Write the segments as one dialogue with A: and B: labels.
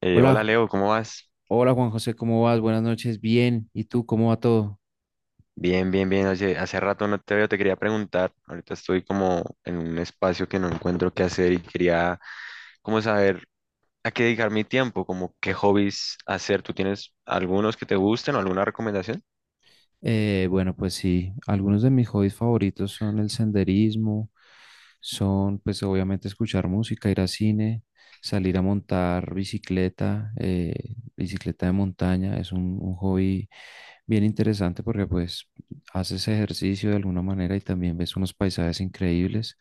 A: Hola,
B: Hola, Leo, ¿cómo vas?
A: Hola Juan José, ¿cómo vas? Buenas noches, bien. ¿Y tú, cómo va todo?
B: Bien, bien, bien. Oye, hace rato no te veo, te quería preguntar. Ahorita estoy como en un espacio que no encuentro qué hacer y quería como saber a qué dedicar mi tiempo, como qué hobbies hacer. ¿Tú tienes algunos que te gusten o alguna recomendación?
A: Bueno, pues sí, algunos de mis hobbies favoritos son el senderismo, son pues obviamente escuchar música, ir a cine, salir a montar bicicleta, bicicleta de montaña, es un hobby bien interesante porque pues haces ejercicio de alguna manera y también ves unos paisajes increíbles.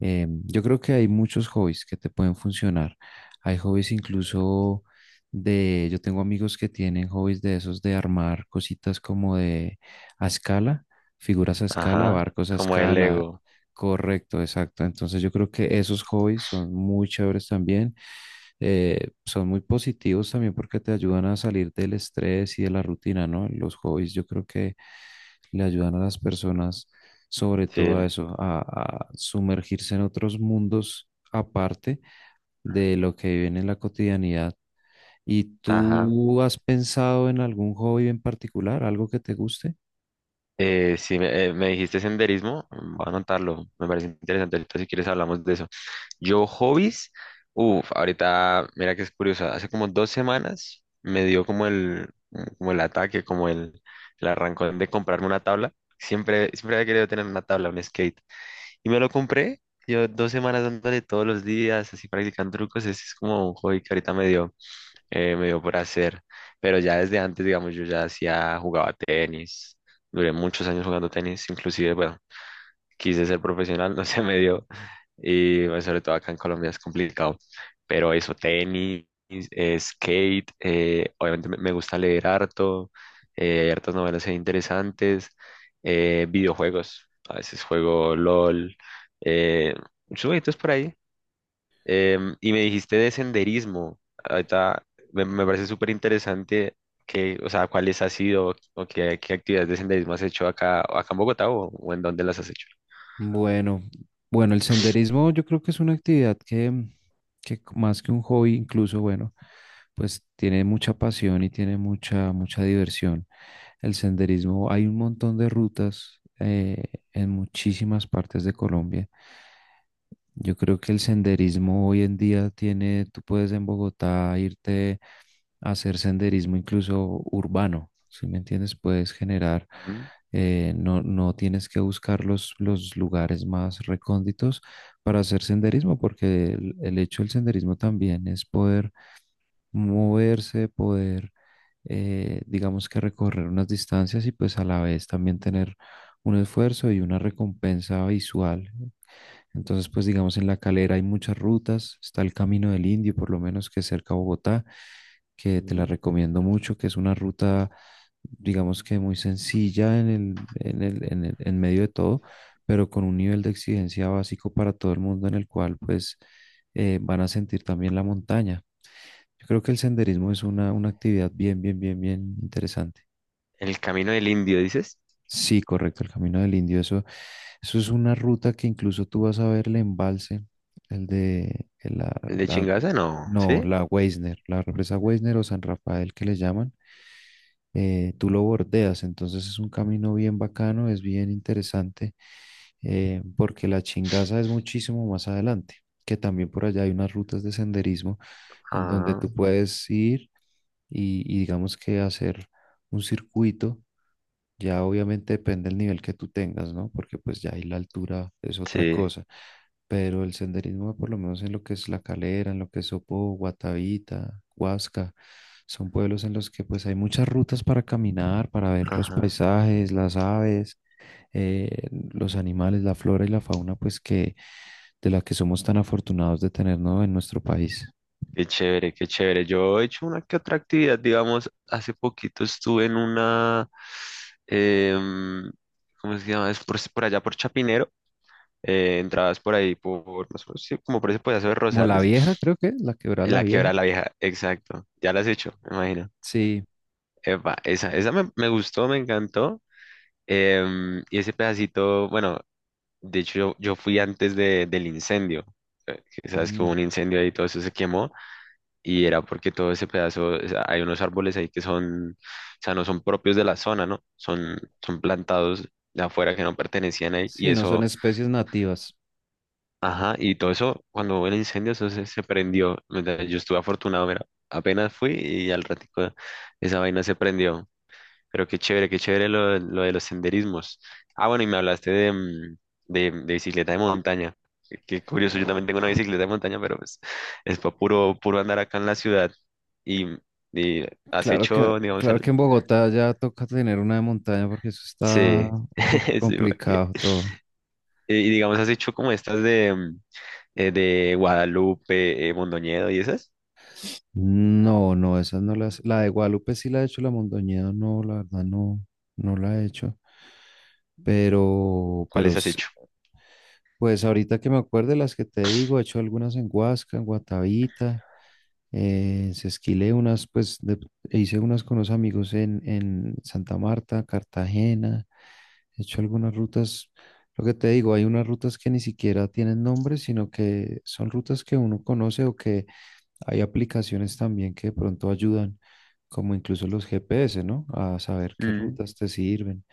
A: Yo creo que hay muchos hobbies que te pueden funcionar. Hay hobbies incluso de, yo tengo amigos que tienen hobbies de esos de armar cositas como de a escala, figuras a escala,
B: Ajá,
A: barcos a
B: como el
A: escala.
B: Lego.
A: Correcto, exacto. Entonces yo creo que esos hobbies son muy chéveres también. Son muy positivos también porque te ayudan a salir del estrés y de la rutina, ¿no? Los hobbies yo creo que le ayudan a las personas, sobre
B: Sí,
A: todo a eso, a sumergirse en otros mundos aparte de lo que viven en la cotidianidad. ¿Y
B: ajá.
A: tú has pensado en algún hobby en particular, algo que te guste?
B: Sí, me dijiste senderismo, mm, voy a anotarlo, me parece interesante. Ahorita si quieres hablamos de eso. Yo, hobbies, uff, ahorita, mira que es curioso, hace como dos semanas me dio como el ataque, como el arrancón de comprarme una tabla. Siempre, siempre había querido tener una tabla, un skate, y me lo compré. Yo dos semanas dándole todos los días, así practicando trucos, ese es como un hobby que ahorita me dio por hacer. Pero ya desde antes, digamos, yo ya hacía, jugaba tenis, duré muchos años jugando tenis, inclusive, bueno, quise ser profesional, no se me dio, y bueno, sobre todo acá en Colombia es complicado, pero eso, tenis, skate, obviamente me gusta leer harto, hay hartas novelas ahí interesantes, videojuegos, a veces juego LOL, eh, muchos jueguitos por ahí. Y me dijiste de senderismo. Ahorita me parece súper interesante que, o sea, cuáles has sido qué actividades de senderismo has hecho acá en Bogotá o en dónde las has hecho.
A: Bueno, bueno, el senderismo yo creo que es una actividad que más que un hobby, incluso, bueno, pues tiene mucha pasión y tiene mucha diversión. El senderismo, hay un montón de rutas en muchísimas partes de Colombia. Yo creo que el senderismo hoy en día tiene, tú puedes en Bogotá irte a hacer senderismo incluso urbano, ¿si me entiendes? Puedes generar,
B: Ujú,
A: no tienes que buscar los lugares más recónditos para hacer senderismo, porque el hecho del senderismo también es poder moverse, digamos que recorrer unas distancias y pues a la vez también tener un esfuerzo y una recompensa visual. Entonces, pues digamos, en La Calera hay muchas rutas, está el Camino del Indio, por lo menos, que es cerca a Bogotá, que te la
B: ujú.
A: recomiendo mucho, que es una ruta digamos que muy sencilla en medio de todo, pero con un nivel de exigencia básico para todo el mundo en el cual pues van a sentir también la montaña. Yo creo que el senderismo es una actividad bien interesante.
B: El Camino del Indio, dices.
A: Sí, correcto, el Camino del Indio. Eso es una ruta que incluso tú vas a ver el embalse, el de el la,
B: ¿El de
A: la-
B: Chingaza? No,
A: no,
B: ¿sí?
A: la Weisner, la represa Weisner o San Rafael que le llaman. Tú lo bordeas, entonces es un camino bien bacano, es bien interesante, porque la Chingaza es muchísimo más adelante, que también por allá hay unas rutas de senderismo en donde
B: Ah,
A: tú puedes ir y digamos que hacer un circuito, ya obviamente depende del nivel que tú tengas, ¿no? Porque pues ya ahí la altura es otra
B: sí.
A: cosa. Pero el senderismo, por lo menos en lo que es La Calera, en lo que es Sopó, Guatavita, Huasca, son pueblos en los que pues hay muchas rutas para caminar, para ver los
B: Ajá.
A: paisajes, las aves, eh, los animales, la flora y la fauna, pues que de la que somos tan afortunados de tener, ¿no? En nuestro país.
B: Qué chévere, qué chévere. Yo he hecho una que otra actividad, digamos, hace poquito estuve en una, em, ¿cómo se llama? Es por allá por Chapinero, entradas por ahí, por, más o menos, sí, como por ese pedazo de
A: Como la
B: Rosales,
A: vieja, creo que, la Quebrada
B: en
A: la
B: la
A: Vieja.
B: Quebrada la Vieja, exacto. Ya la has hecho, me imagino.
A: Sí,
B: Epa, esa, me gustó, me encantó. Em, y ese pedacito, bueno, de hecho yo fui antes del incendio. Que Sabes que hubo
A: ujú.
B: un incendio ahí, y todo eso se quemó. Y era porque todo ese pedazo, o sea, hay unos árboles ahí que son, o sea, no son propios de la zona, ¿no? Son, son plantados de afuera que no pertenecían ahí, y
A: Sí, no son
B: eso,
A: especies nativas.
B: ajá, y todo eso, cuando hubo el incendio, eso se, se prendió, ¿verdad? Yo estuve afortunado, mira, apenas fui y al ratico esa vaina se prendió, pero qué chévere lo de los senderismos. Ah, bueno, y me hablaste de, mm, de bicicleta de montaña. Qué, qué curioso, yo también tengo una bicicleta de montaña, pero pues es puro, puro andar acá en la ciudad. Y, y has hecho, digamos,
A: Claro que en Bogotá ya toca tener una de montaña porque eso está
B: sí.
A: un poco
B: Sí, porque...
A: complicado todo.
B: Y digamos, has hecho como estas de, mm, de Guadalupe, Mondoñedo y esas.
A: No, no, esas no las. La de Guadalupe sí la he hecho, la Mondoñedo no, la verdad no, no la he hecho. Pero, pero
B: ¿Cuáles has
A: s-
B: hecho?
A: pues ahorita que me acuerde las que te digo, he hecho algunas en Huasca, en Guatavita, esquilé unas, hice unas con los amigos en Santa Marta, Cartagena. He hecho algunas rutas, lo que te digo, hay unas rutas que ni siquiera tienen nombre, sino que son rutas que uno conoce o que hay aplicaciones también que de pronto ayudan, como incluso los GPS, ¿no? A saber qué
B: Mm,
A: rutas te sirven.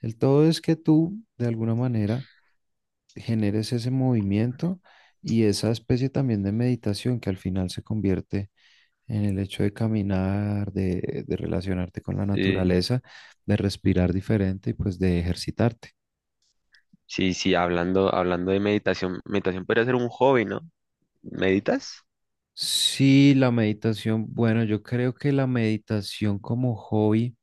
A: El todo es que tú, de alguna manera, generes ese movimiento y esa especie también de meditación que al final se convierte en el hecho de caminar, de relacionarte con la
B: sí,
A: naturaleza, de respirar diferente y pues de ejercitarte.
B: sí, sí, hablando, hablando de meditación, meditación podría ser un hobby, ¿no? ¿Meditas?
A: Sí, la meditación. Bueno, yo creo que la meditación como hobby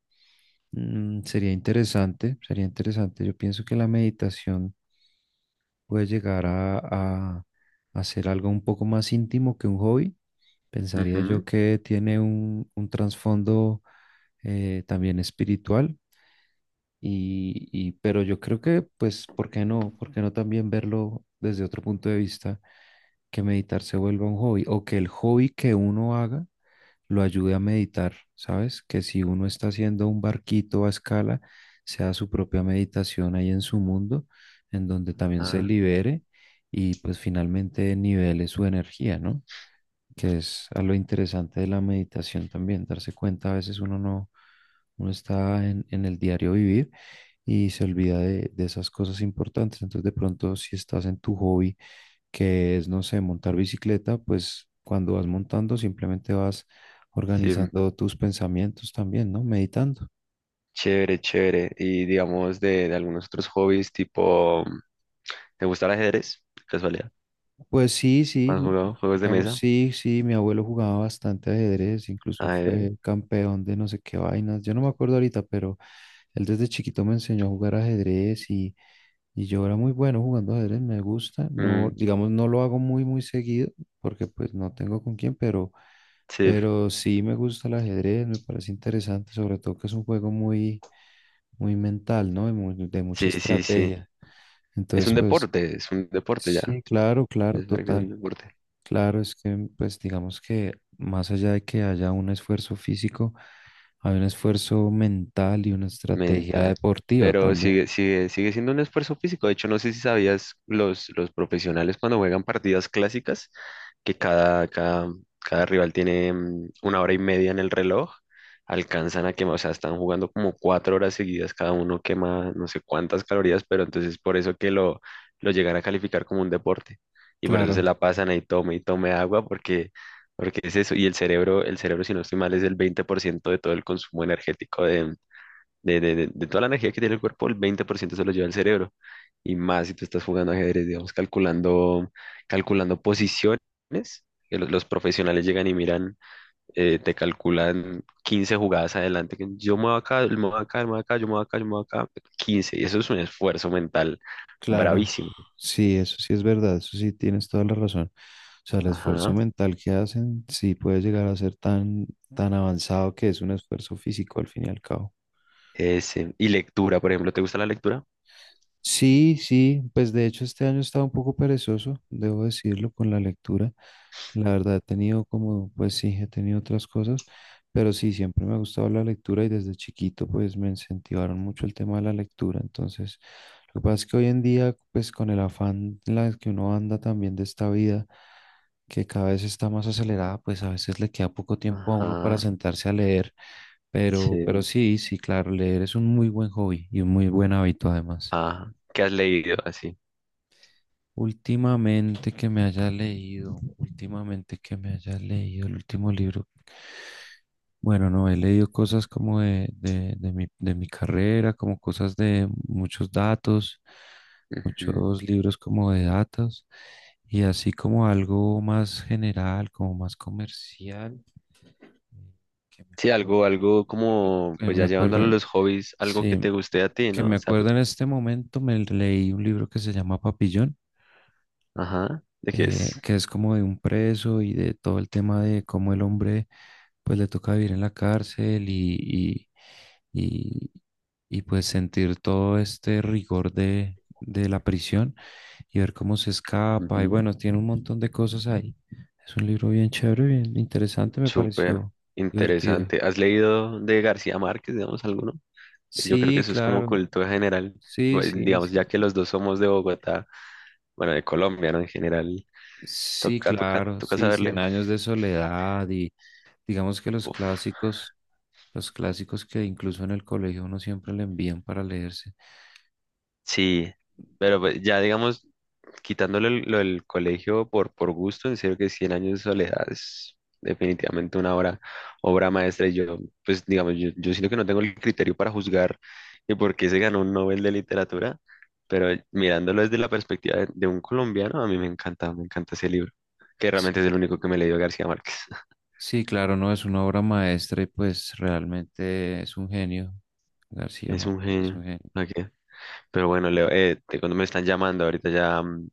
A: sería interesante, sería interesante. Yo pienso que la meditación puede llegar a ser algo un poco más íntimo que un hobby. Pensaría yo
B: Ujú.
A: que tiene un trasfondo también espiritual. Pero yo creo que, pues, ¿por qué no? ¿Por qué no también verlo desde otro punto de vista? Que meditar se vuelva un hobby o que el hobby que uno haga lo ayude a meditar, ¿sabes? Que si uno está haciendo un barquito a escala, sea su propia meditación ahí en su mundo, en donde también se libere y pues finalmente nivele su energía, ¿no? Que es a lo interesante de la meditación también, darse cuenta, a veces uno no, uno está en el diario vivir y se olvida de esas cosas importantes. Entonces, de pronto, si estás en tu hobby, que es, no sé, montar bicicleta, pues cuando vas montando simplemente vas
B: Sí,
A: organizando tus pensamientos también, ¿no? Meditando.
B: chévere, chévere. Y digamos de algunos otros hobbies, tipo, ¿te gusta el ajedrez? De casualidad.
A: Pues sí, sí,
B: ¿Has jugado juegos de
A: digamos,
B: mesa?
A: sí, sí, mi abuelo jugaba bastante ajedrez, incluso
B: Ajedrez.
A: fue campeón de no sé qué vainas, yo no me acuerdo ahorita, pero él desde chiquito me enseñó a jugar ajedrez y yo era muy bueno jugando ajedrez, me gusta, no,
B: Mm,
A: digamos, no lo hago muy seguido, porque pues no tengo con quién,
B: sí,
A: pero sí me gusta el ajedrez, me parece interesante, sobre todo que es un juego muy mental, ¿no? De mucha
B: sí, sí, sí.
A: estrategia, entonces pues...
B: Es un deporte ya.
A: Sí, claro, claro,
B: Es un
A: total.
B: deporte.
A: Claro, es que pues digamos que más allá de que haya un esfuerzo físico, hay un esfuerzo mental y una estrategia
B: Mental.
A: deportiva
B: Pero
A: también.
B: sigue, sigue, sigue siendo un esfuerzo físico. De hecho, no sé si sabías los profesionales cuando juegan partidas clásicas, que cada rival tiene mm, una hora y media en el reloj, alcanzan a quemar, o sea, están jugando como cuatro horas seguidas, cada uno quema no sé cuántas calorías, pero entonces por eso que lo llegan a calificar como un deporte. Y por eso se
A: Claro,
B: la pasan ahí, tome y tome agua, porque, porque es eso. Y el cerebro, si no estoy mal, es el 20% de todo el consumo energético de toda la energía que tiene el cuerpo, el 20% se lo lleva el cerebro. Y más si tú estás jugando ajedrez, digamos, calculando, calculando posiciones, que los profesionales llegan y miran, te calculan 15 jugadas adelante, que yo muevo acá, yo muevo acá, yo muevo acá, yo muevo acá, yo muevo acá, quince. Y eso es un esfuerzo mental
A: claro.
B: bravísimo.
A: Sí, eso sí es verdad, eso sí tienes toda la razón. O sea, el esfuerzo
B: Ajá.
A: mental que hacen sí puede llegar a ser tan, tan avanzado que es un esfuerzo físico al fin y al cabo.
B: Ese. Y lectura, por ejemplo, ¿te gusta la lectura?
A: Sí, sí, pues de hecho este año estaba un poco perezoso, debo decirlo, con la lectura. La verdad he tenido como, pues sí, he tenido otras cosas, pero sí, siempre me ha gustado la lectura y desde chiquito pues me incentivaron mucho el tema de la lectura. Entonces, lo que pasa es que hoy en día, pues con el afán en la que uno anda también de esta vida, que cada vez está más acelerada, pues a veces le queda poco tiempo a uno para
B: Ajá.
A: sentarse a leer, pero
B: Sí.
A: sí, sí, claro, leer es un muy buen hobby y un muy buen hábito además.
B: Ajá. ¿Qué has leído así?
A: Últimamente que me haya leído, últimamente que me haya leído el último libro. Bueno, no, he leído cosas como de mi carrera, como cosas de muchos datos,
B: Ujú.
A: muchos libros como de datos, y así como algo más general, como más comercial, que me
B: Sí,
A: acuerdo,
B: algo, algo como,
A: que
B: pues
A: me
B: ya llevándolo a
A: acuerdo,
B: los hobbies, algo que
A: sí,
B: te guste a ti,
A: que
B: ¿no?
A: me
B: O sea, pues,
A: acuerdo en este momento, me leí un libro que se llama Papillón.
B: ajá, ¿de qué es?
A: Que es como de un preso y de todo el tema de cómo el hombre pues le toca vivir en la cárcel y, y, pues sentir todo este rigor de la prisión y ver cómo se escapa y
B: Ujú.
A: bueno, tiene un montón de cosas ahí. Es un libro bien chévere, bien interesante, me
B: Súper
A: pareció divertido.
B: interesante. ¿Has leído de García Márquez, digamos, alguno? Yo creo que
A: Sí,
B: eso es como
A: claro,
B: cultura general,
A: sí,
B: pues,
A: sí,
B: digamos,
A: sí,
B: ya que los dos somos de Bogotá, bueno, de Colombia, ¿no? En general,
A: sí,
B: toca, toca,
A: claro,
B: toca
A: sí,
B: saberle.
A: Cien años de soledad y... Digamos que
B: Uf,
A: los clásicos que incluso en el colegio uno siempre le envían para leerse.
B: sí, pero pues, ya digamos, quitándole lo del colegio por gusto, en serio que Cien años de soledad es definitivamente una obra, obra maestra. Y yo, pues digamos, yo siento que no tengo el criterio para juzgar y por qué se ganó un Nobel de literatura, pero mirándolo desde la perspectiva de un colombiano, a mí me encanta ese libro, que realmente es
A: Sí,
B: el único que me he leído de García Márquez.
A: sí, claro, no es una obra maestra y pues realmente es un genio. García
B: Es un
A: Márquez es un
B: genio.
A: genio.
B: ¿Pa' qué? Pero bueno, Leo, cuando me están llamando ahorita ya mm,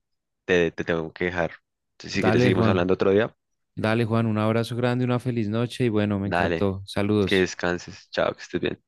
B: te tengo que dejar. Si quieres
A: Dale,
B: seguimos
A: Juan,
B: hablando otro día,
A: dale, Juan, un abrazo grande, una feliz noche y bueno, me
B: dale.
A: encantó.
B: Que
A: Saludos.
B: descanses. Chao, que estés bien.